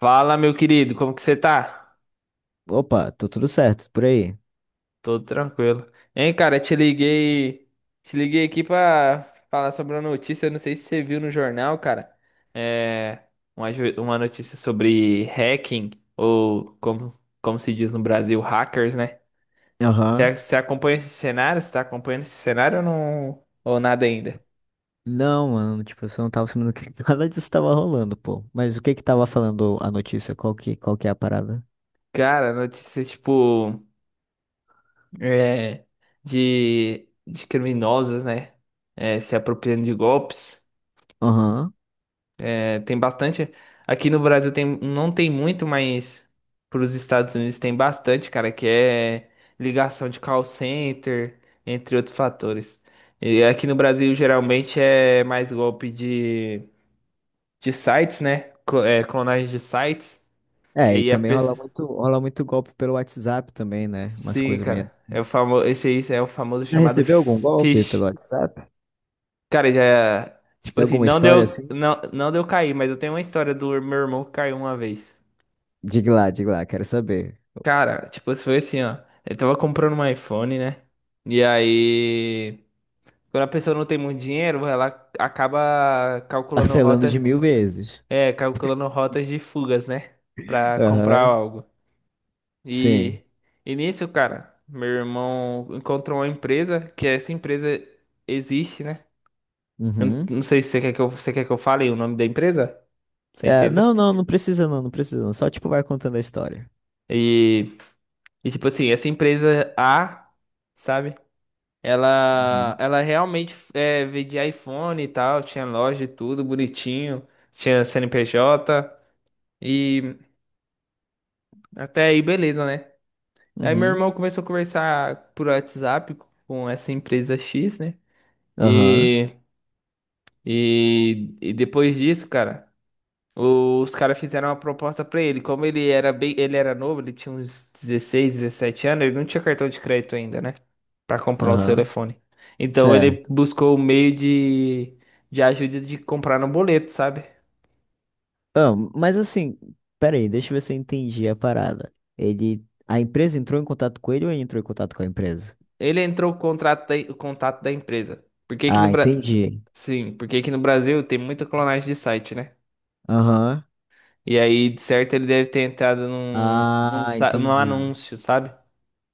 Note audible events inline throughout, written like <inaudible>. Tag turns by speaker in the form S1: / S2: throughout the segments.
S1: Fala, meu querido, como que você tá?
S2: Opa, tô tudo certo, por aí.
S1: Tô tranquilo. Hein, cara, te liguei aqui pra falar sobre uma notícia, eu não sei se você viu no jornal, cara. É uma notícia sobre hacking, ou como se diz no Brasil, hackers, né?
S2: Aham.
S1: Você acompanha esse cenário? Você tá acompanhando esse cenário ou não? Ou nada ainda?
S2: Não, mano, tipo, eu só não tava sabendo que <laughs> nada disso tava rolando, pô. Mas o que que tava falando a notícia? Qual que é a parada?
S1: Cara, notícia tipo, é, de criminosos, né? É, se apropriando de golpes.
S2: Aham.
S1: É, tem bastante. Aqui no Brasil tem, não tem muito, mas para os Estados Unidos tem bastante, cara, que é ligação de call center, entre outros fatores. E aqui no Brasil geralmente é mais golpe de sites, né? É, clonagem de sites. Que
S2: É, e
S1: aí a
S2: também rola
S1: pessoa.
S2: muito, rola muito golpe pelo WhatsApp também, né? Umas
S1: Sim,
S2: coisas meio
S1: cara.
S2: assim.
S1: É o famoso, esse aí é o famoso
S2: Já
S1: chamado
S2: recebeu algum golpe pelo
S1: fish.
S2: WhatsApp?
S1: Cara, já. Tipo
S2: Tem
S1: assim,
S2: alguma
S1: não
S2: história
S1: deu,
S2: assim?
S1: não, não deu cair, mas eu tenho uma história do meu irmão que caiu uma vez.
S2: Diga lá, quero saber.
S1: Cara, tipo, foi assim, ó. Ele tava comprando um iPhone, né? E aí, quando a pessoa não tem muito dinheiro, ela acaba calculando
S2: Parcelando de
S1: rota,
S2: mil vezes.
S1: é, calculando rotas de fugas, né?
S2: <laughs>
S1: Pra comprar
S2: Aham.
S1: algo. E,
S2: Sim.
S1: e nisso, cara, meu irmão encontrou uma empresa, que essa empresa existe, né? Eu não
S2: Uhum.
S1: não sei se você quer que eu, você quer que eu fale o nome da empresa, você
S2: É,
S1: entende?
S2: não, não, não precisa não, não precisa não. Só, tipo, vai contando a história.
S1: E, e tipo assim, essa empresa A, sabe? Ela,
S2: Uhum.
S1: ela realmente é, vendia iPhone e tal, tinha loja e tudo bonitinho, tinha CNPJ e até aí beleza, né? Aí meu
S2: Uhum.
S1: irmão começou a conversar por WhatsApp com essa empresa X, né?
S2: Aham.
S1: E, e depois disso, cara, os caras fizeram uma proposta pra ele. Como ele era bem, ele era novo, ele tinha uns 16, 17 anos, ele não tinha cartão de crédito ainda, né? Pra comprar o seu
S2: Aham,
S1: telefone. Então ele
S2: certo.
S1: buscou o meio de ajuda de comprar no boleto, sabe?
S2: Ah, mas assim, peraí, deixa eu ver se eu entendi a parada. A empresa entrou em contato com ele ou ele entrou em contato com a empresa?
S1: Ele entrou com o o contato da empresa. Por que que no
S2: Ah,
S1: Bra...
S2: entendi.
S1: Sim, porque aqui no Brasil tem muita clonagem de site, né?
S2: Aham.
S1: E aí, de certo, ele deve ter entrado num, num,
S2: Ah,
S1: sa- num
S2: entendi.
S1: anúncio, sabe?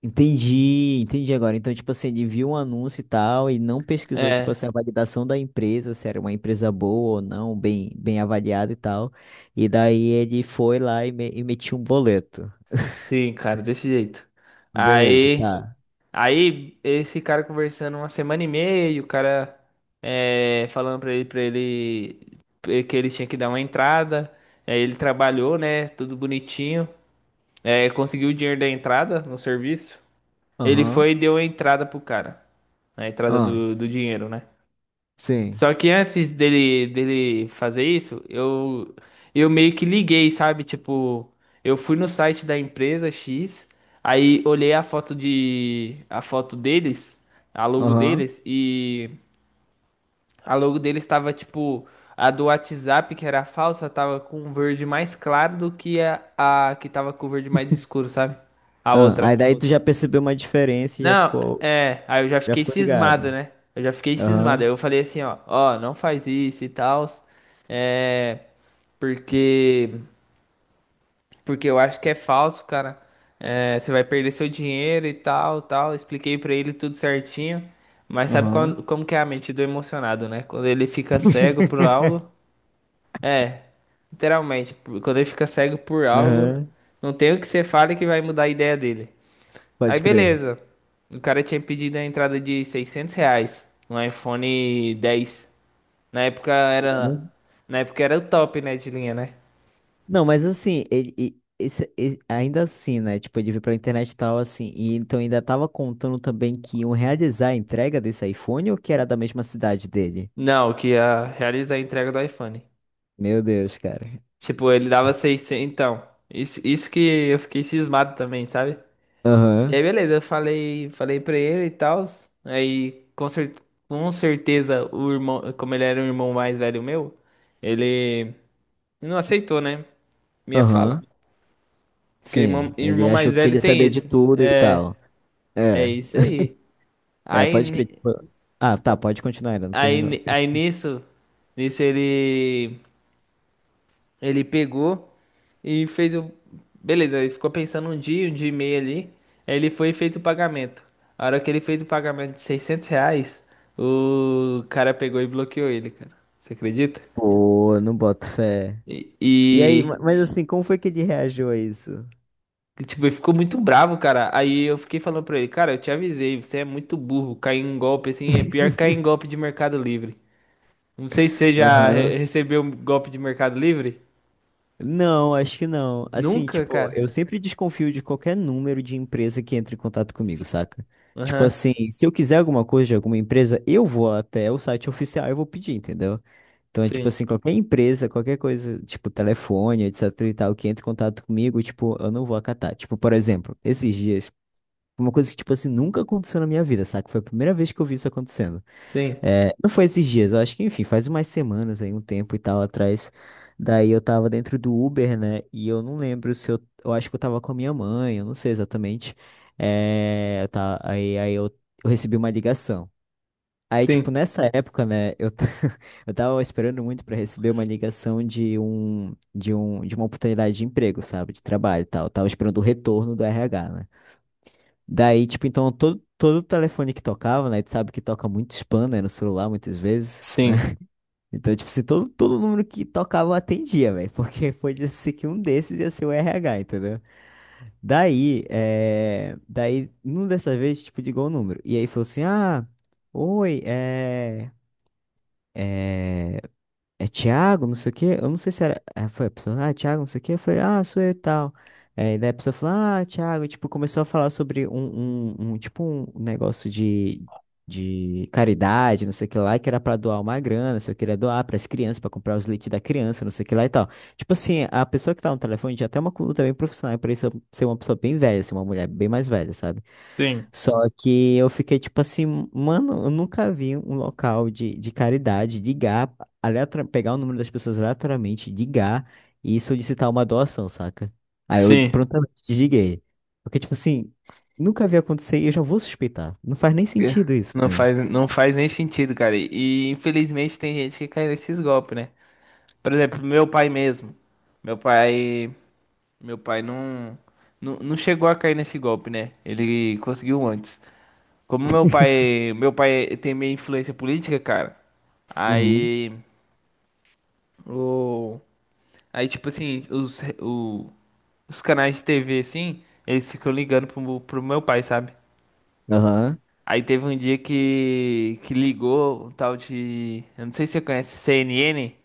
S2: Entendi, entendi agora. Então, tipo assim, ele viu um anúncio e tal e não pesquisou, tipo
S1: É,
S2: assim, a validação da empresa, se era uma empresa boa ou não, bem, bem avaliada e tal. E daí ele foi lá e metiu um boleto.
S1: sim, cara, desse jeito.
S2: Beleza,
S1: Aí.
S2: tá.
S1: Aí esse cara conversando uma semana e meia, o cara é, falando pra ele, que ele tinha que dar uma entrada. Aí ele trabalhou, né? Tudo bonitinho. É, conseguiu o dinheiro da entrada no serviço. Ele
S2: Aham.
S1: foi e deu a entrada pro cara. A entrada
S2: Ah,
S1: do dinheiro, né?
S2: sim.
S1: Só que antes dele fazer isso, eu meio que liguei, sabe? Tipo, eu fui no site da empresa X, aí olhei a foto deles, a logo
S2: Aham.
S1: deles, e a logo deles tava, tipo, a do WhatsApp, que era falsa, tava com um verde mais claro do que a que tava com o verde mais escuro, sabe? A
S2: Ah,
S1: outra.
S2: aí daí tu já percebeu uma diferença e já
S1: Não,
S2: ficou,
S1: é, aí eu já
S2: já
S1: fiquei
S2: ficou
S1: cismado,
S2: ligado.
S1: né? Eu já fiquei cismado. Aí
S2: Aham,
S1: eu falei assim, ó, ó, não faz isso e tal. É, porque porque eu acho que é falso, cara. É, você vai perder seu dinheiro e tal, tal. Expliquei pra ele tudo certinho. Mas sabe
S2: aham.
S1: quando, como que é a mente do emocionado, né? Quando ele fica cego por algo,
S2: <laughs>
S1: é, literalmente, quando ele fica cego por algo,
S2: Aham,
S1: não tem o que você fale que vai mudar a ideia dele. Aí
S2: pode crer.
S1: beleza. O cara tinha pedido a entrada de 600 reais no iPhone 10. Na época era,
S2: Uhum.
S1: na época era o top, né, de linha, né?
S2: Não, mas assim, ele, e- esse- e- ainda assim, né? Tipo, ele veio pra internet e tal, assim. E então ainda tava contando também que iam realizar a entrega desse iPhone ou que era da mesma cidade dele?
S1: Não, que ia realizar a entrega do iPhone.
S2: Meu Deus, cara.
S1: Tipo, ele dava seiscentos, então. Isso que eu fiquei cismado também, sabe? E
S2: Aham,
S1: aí beleza, eu falei, falei pra ele e tal. Aí com certeza o irmão, como ele era o irmão mais velho meu, ele não aceitou, né? Minha fala.
S2: aham.
S1: Porque irmão,
S2: Sim, ele
S1: irmão mais
S2: achou que
S1: velho
S2: ele
S1: tem
S2: sabia de
S1: isso.
S2: tudo e
S1: É,
S2: tal.
S1: é
S2: É.
S1: isso aí.
S2: É,
S1: Aí,
S2: pode crer.
S1: ni-
S2: Ah, tá, pode continuar, ainda não
S1: aí,
S2: terminou.
S1: ni- aí nisso, nisso ele pegou e fez o. Beleza, ele ficou pensando um dia e meio ali. Aí ele foi e fez o pagamento. A hora que ele fez o pagamento de 600 reais, o cara pegou e bloqueou ele, cara. Você acredita?
S2: Pô, não boto fé. E aí,
S1: E,
S2: mas assim, como foi que ele reagiu a isso?
S1: Tipo, ele ficou muito bravo, cara. Aí eu fiquei falando pra ele, cara, eu te avisei, você é muito burro. Cair em golpe assim é pior que cair
S2: <laughs>
S1: em golpe de Mercado Livre. Não sei se você já
S2: Aham.
S1: recebeu um golpe de Mercado Livre.
S2: Não, acho que não. Assim,
S1: Nunca,
S2: tipo, eu
S1: cara.
S2: sempre desconfio de qualquer número de empresa que entre em contato comigo, saca? Tipo
S1: Aham.
S2: assim, se eu quiser alguma coisa de alguma empresa, eu vou até o site oficial e vou pedir, entendeu? Então é tipo
S1: Sim.
S2: assim, qualquer empresa, qualquer coisa, tipo telefone, etc e tal, que entre em contato comigo, tipo, eu não vou acatar. Tipo, por exemplo, esses dias, uma coisa que, tipo assim, nunca aconteceu na minha vida, saca? Foi a primeira vez que eu vi isso acontecendo.
S1: Sim.
S2: É, não foi esses dias, eu acho que, enfim, faz umas semanas aí, um tempo e tal atrás. Daí eu tava dentro do Uber, né? E eu não lembro se eu. Eu acho que eu tava com a minha mãe, eu não sei exatamente. É, tá, aí eu recebi uma ligação. Aí, tipo,
S1: Sim.
S2: nessa época, né, <laughs> eu tava esperando muito pra receber uma ligação de uma oportunidade de emprego, sabe? De trabalho e tal. Eu tava esperando o retorno do RH, né? Daí, tipo, então todo telefone que tocava, né? Tu sabe que toca muito spam, né? No celular, muitas vezes, né?
S1: Sim.
S2: <laughs> Então, tipo, se todo número que tocava eu atendia, velho. Porque <laughs> foi ser que um desses ia ser o RH, entendeu? Daí, numa dessa vez, tipo, ligou o número. E aí falou assim, ah, oi, é, Thiago, não sei o quê. Eu não sei se era. Foi a pessoa, ah, Thiago, não sei o quê. Eu falei, ah, sou eu e tal. É, e daí a pessoa falou, ah, Thiago, e, tipo, começou a falar sobre tipo, um negócio de caridade, não sei o que lá, que era pra doar uma grana, se eu queria doar pras crianças, pra comprar os leites da criança, não sei o que lá e tal. Tipo assim, a pessoa que tá no telefone já tem uma conduta bem profissional, pra isso ser uma pessoa bem velha, ser uma mulher bem mais velha, sabe?
S1: Sim.
S2: Só que eu fiquei tipo assim, mano, eu nunca vi um local de caridade, de GAP pegar o número das pessoas aleatoriamente, ligar e solicitar uma doação, saca? Aí eu
S1: Sim.
S2: prontamente desliguei. Porque, tipo assim, nunca vi acontecer e eu já vou suspeitar. Não faz nem
S1: Que-
S2: sentido isso
S1: Não
S2: pra mim.
S1: faz, não faz nem sentido, cara. E infelizmente tem gente que cai nesses golpes, né? Por exemplo, meu pai mesmo. Meu pai. Meu pai não chegou a cair nesse golpe, né? Ele conseguiu antes. Como meu pai tem meio influência política, cara.
S2: Uhum.
S1: Aí o aí tipo assim, os os canais de TV assim, eles ficam ligando pro meu pai, sabe?
S2: Aham.
S1: Aí teve um dia que ligou um tal de, eu não sei se você conhece CNN.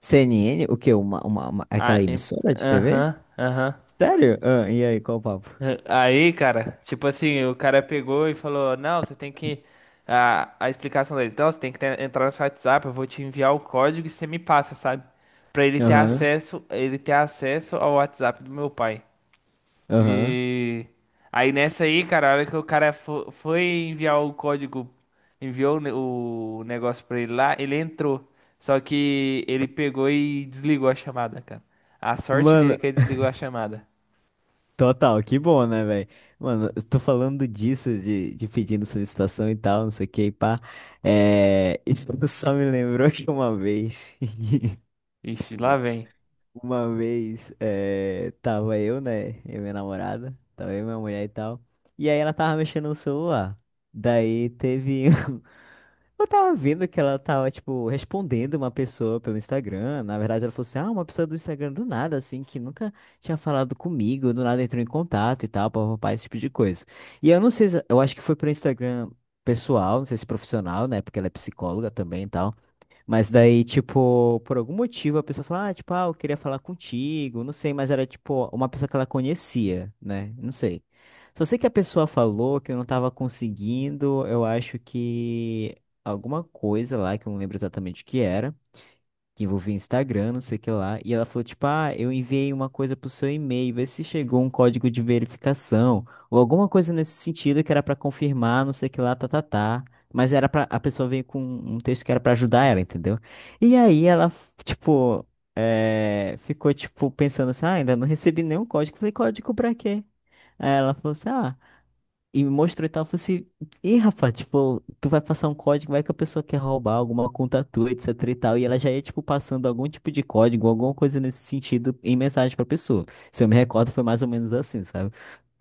S2: CNN, o quê? Aquela
S1: Ah,
S2: emissora de TV?
S1: aham, aham.
S2: Sério? Ah, e aí, qual o papo?
S1: Aí, cara, tipo assim, o cara pegou e falou: Não, você tem que. A explicação deles: Não, você tem que entrar no seu WhatsApp, eu vou te enviar o código e você me passa, sabe? Pra
S2: Aham,
S1: ele ter acesso ao WhatsApp do meu pai.
S2: aham.
S1: E. Aí nessa aí, cara, a hora que o cara foi enviar o código, enviou o o negócio pra ele lá, ele entrou. Só que ele pegou e desligou a chamada, cara. A sorte dele
S2: Mano,
S1: é que ele desligou a chamada.
S2: total, que bom, né, velho? Mano, eu tô falando disso, de pedindo solicitação e tal, não sei o que, e pá. É, isso <laughs> só me lembrou que uma vez, <laughs>
S1: Ixi,
S2: muito
S1: lá
S2: bom.
S1: vem.
S2: Uma vez, é, tava eu, né, e minha namorada, tava eu, minha mulher e tal, e aí ela tava mexendo no celular. Daí teve eu tava vendo que ela tava, tipo, respondendo uma pessoa pelo Instagram. Na verdade, ela falou assim: ah, uma pessoa do Instagram do nada, assim, que nunca tinha falado comigo, do nada entrou em contato e tal, papapá, esse tipo de coisa. E eu não sei, eu acho que foi pro Instagram pessoal, não sei se profissional, né? Porque ela é psicóloga também e tal. Mas daí, tipo, por algum motivo a pessoa fala, ah, tipo, ah, eu queria falar contigo, não sei, mas era, tipo, uma pessoa que ela conhecia, né? Não sei. Só sei que a pessoa falou que eu não tava conseguindo, eu acho que alguma coisa lá, que eu não lembro exatamente o que era que envolvia Instagram, não sei o que lá. E ela falou, tipo, ah, eu enviei uma coisa pro seu e-mail, vê se chegou um código de verificação, ou alguma coisa nesse sentido que era pra confirmar, não sei o que lá, tá, tá, tá. Mas era a pessoa veio com um texto que era pra ajudar ela, entendeu? E aí ela, tipo, ficou, tipo, pensando assim, ah, ainda não recebi nenhum código. Falei, código pra quê? Aí ela falou assim, ah, e me mostrou e tal, eu falei assim, ih, rapaz, tipo, tu vai passar um código, vai que a pessoa quer roubar alguma conta tua, etc e tal, e ela já ia, tipo, passando algum tipo de código, alguma coisa nesse sentido, em mensagem pra pessoa. Se eu me recordo, foi mais ou menos assim, sabe?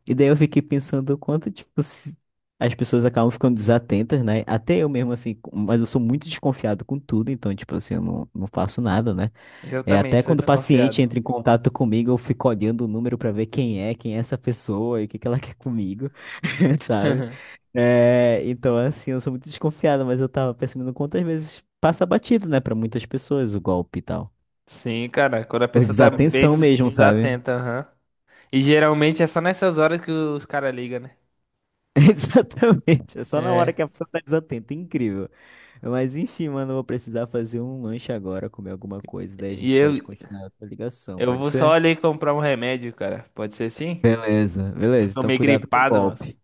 S2: E daí eu fiquei pensando o quanto, tipo, as pessoas acabam ficando desatentas, né? Até eu mesmo, assim, mas eu sou muito desconfiado com tudo, então, tipo assim, eu não faço nada, né?
S1: Eu
S2: É,
S1: também
S2: até
S1: sou
S2: quando o paciente
S1: desconfiado.
S2: entra em contato comigo, eu fico olhando o número para ver quem é, essa pessoa e o que que ela quer comigo, <laughs> sabe?
S1: <laughs>
S2: É, então, assim, eu sou muito desconfiado, mas eu tava percebendo quantas vezes passa batido, né, para muitas pessoas o golpe e tal.
S1: Sim, cara, quando a
S2: Por
S1: pessoa tá bem
S2: desatenção mesmo, sabe?
S1: desatenta, aham. E geralmente é só nessas horas que os caras ligam, né?
S2: <laughs> Exatamente. É só na hora
S1: É.
S2: que a pessoa tá desatenta. É incrível. Mas enfim, mano, eu vou precisar fazer um lanche agora, comer alguma coisa. Daí a
S1: E
S2: gente
S1: eu,
S2: pode continuar a ligação,
S1: eu
S2: pode
S1: vou só
S2: ser?
S1: ali comprar um remédio, cara. Pode ser assim?
S2: Beleza,
S1: Eu
S2: beleza.
S1: tô
S2: Então,
S1: meio
S2: cuidado com o
S1: gripado,
S2: golpe.
S1: mas.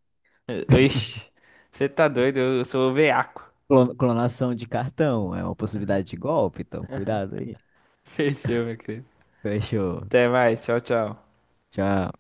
S1: Ixi, você tá doido? Eu sou o veaco.
S2: Clonação de cartão é uma possibilidade de golpe, então cuidado aí.
S1: <laughs> Fechou, meu querido.
S2: Fechou.
S1: Até mais. Tchau, tchau.
S2: Tchau.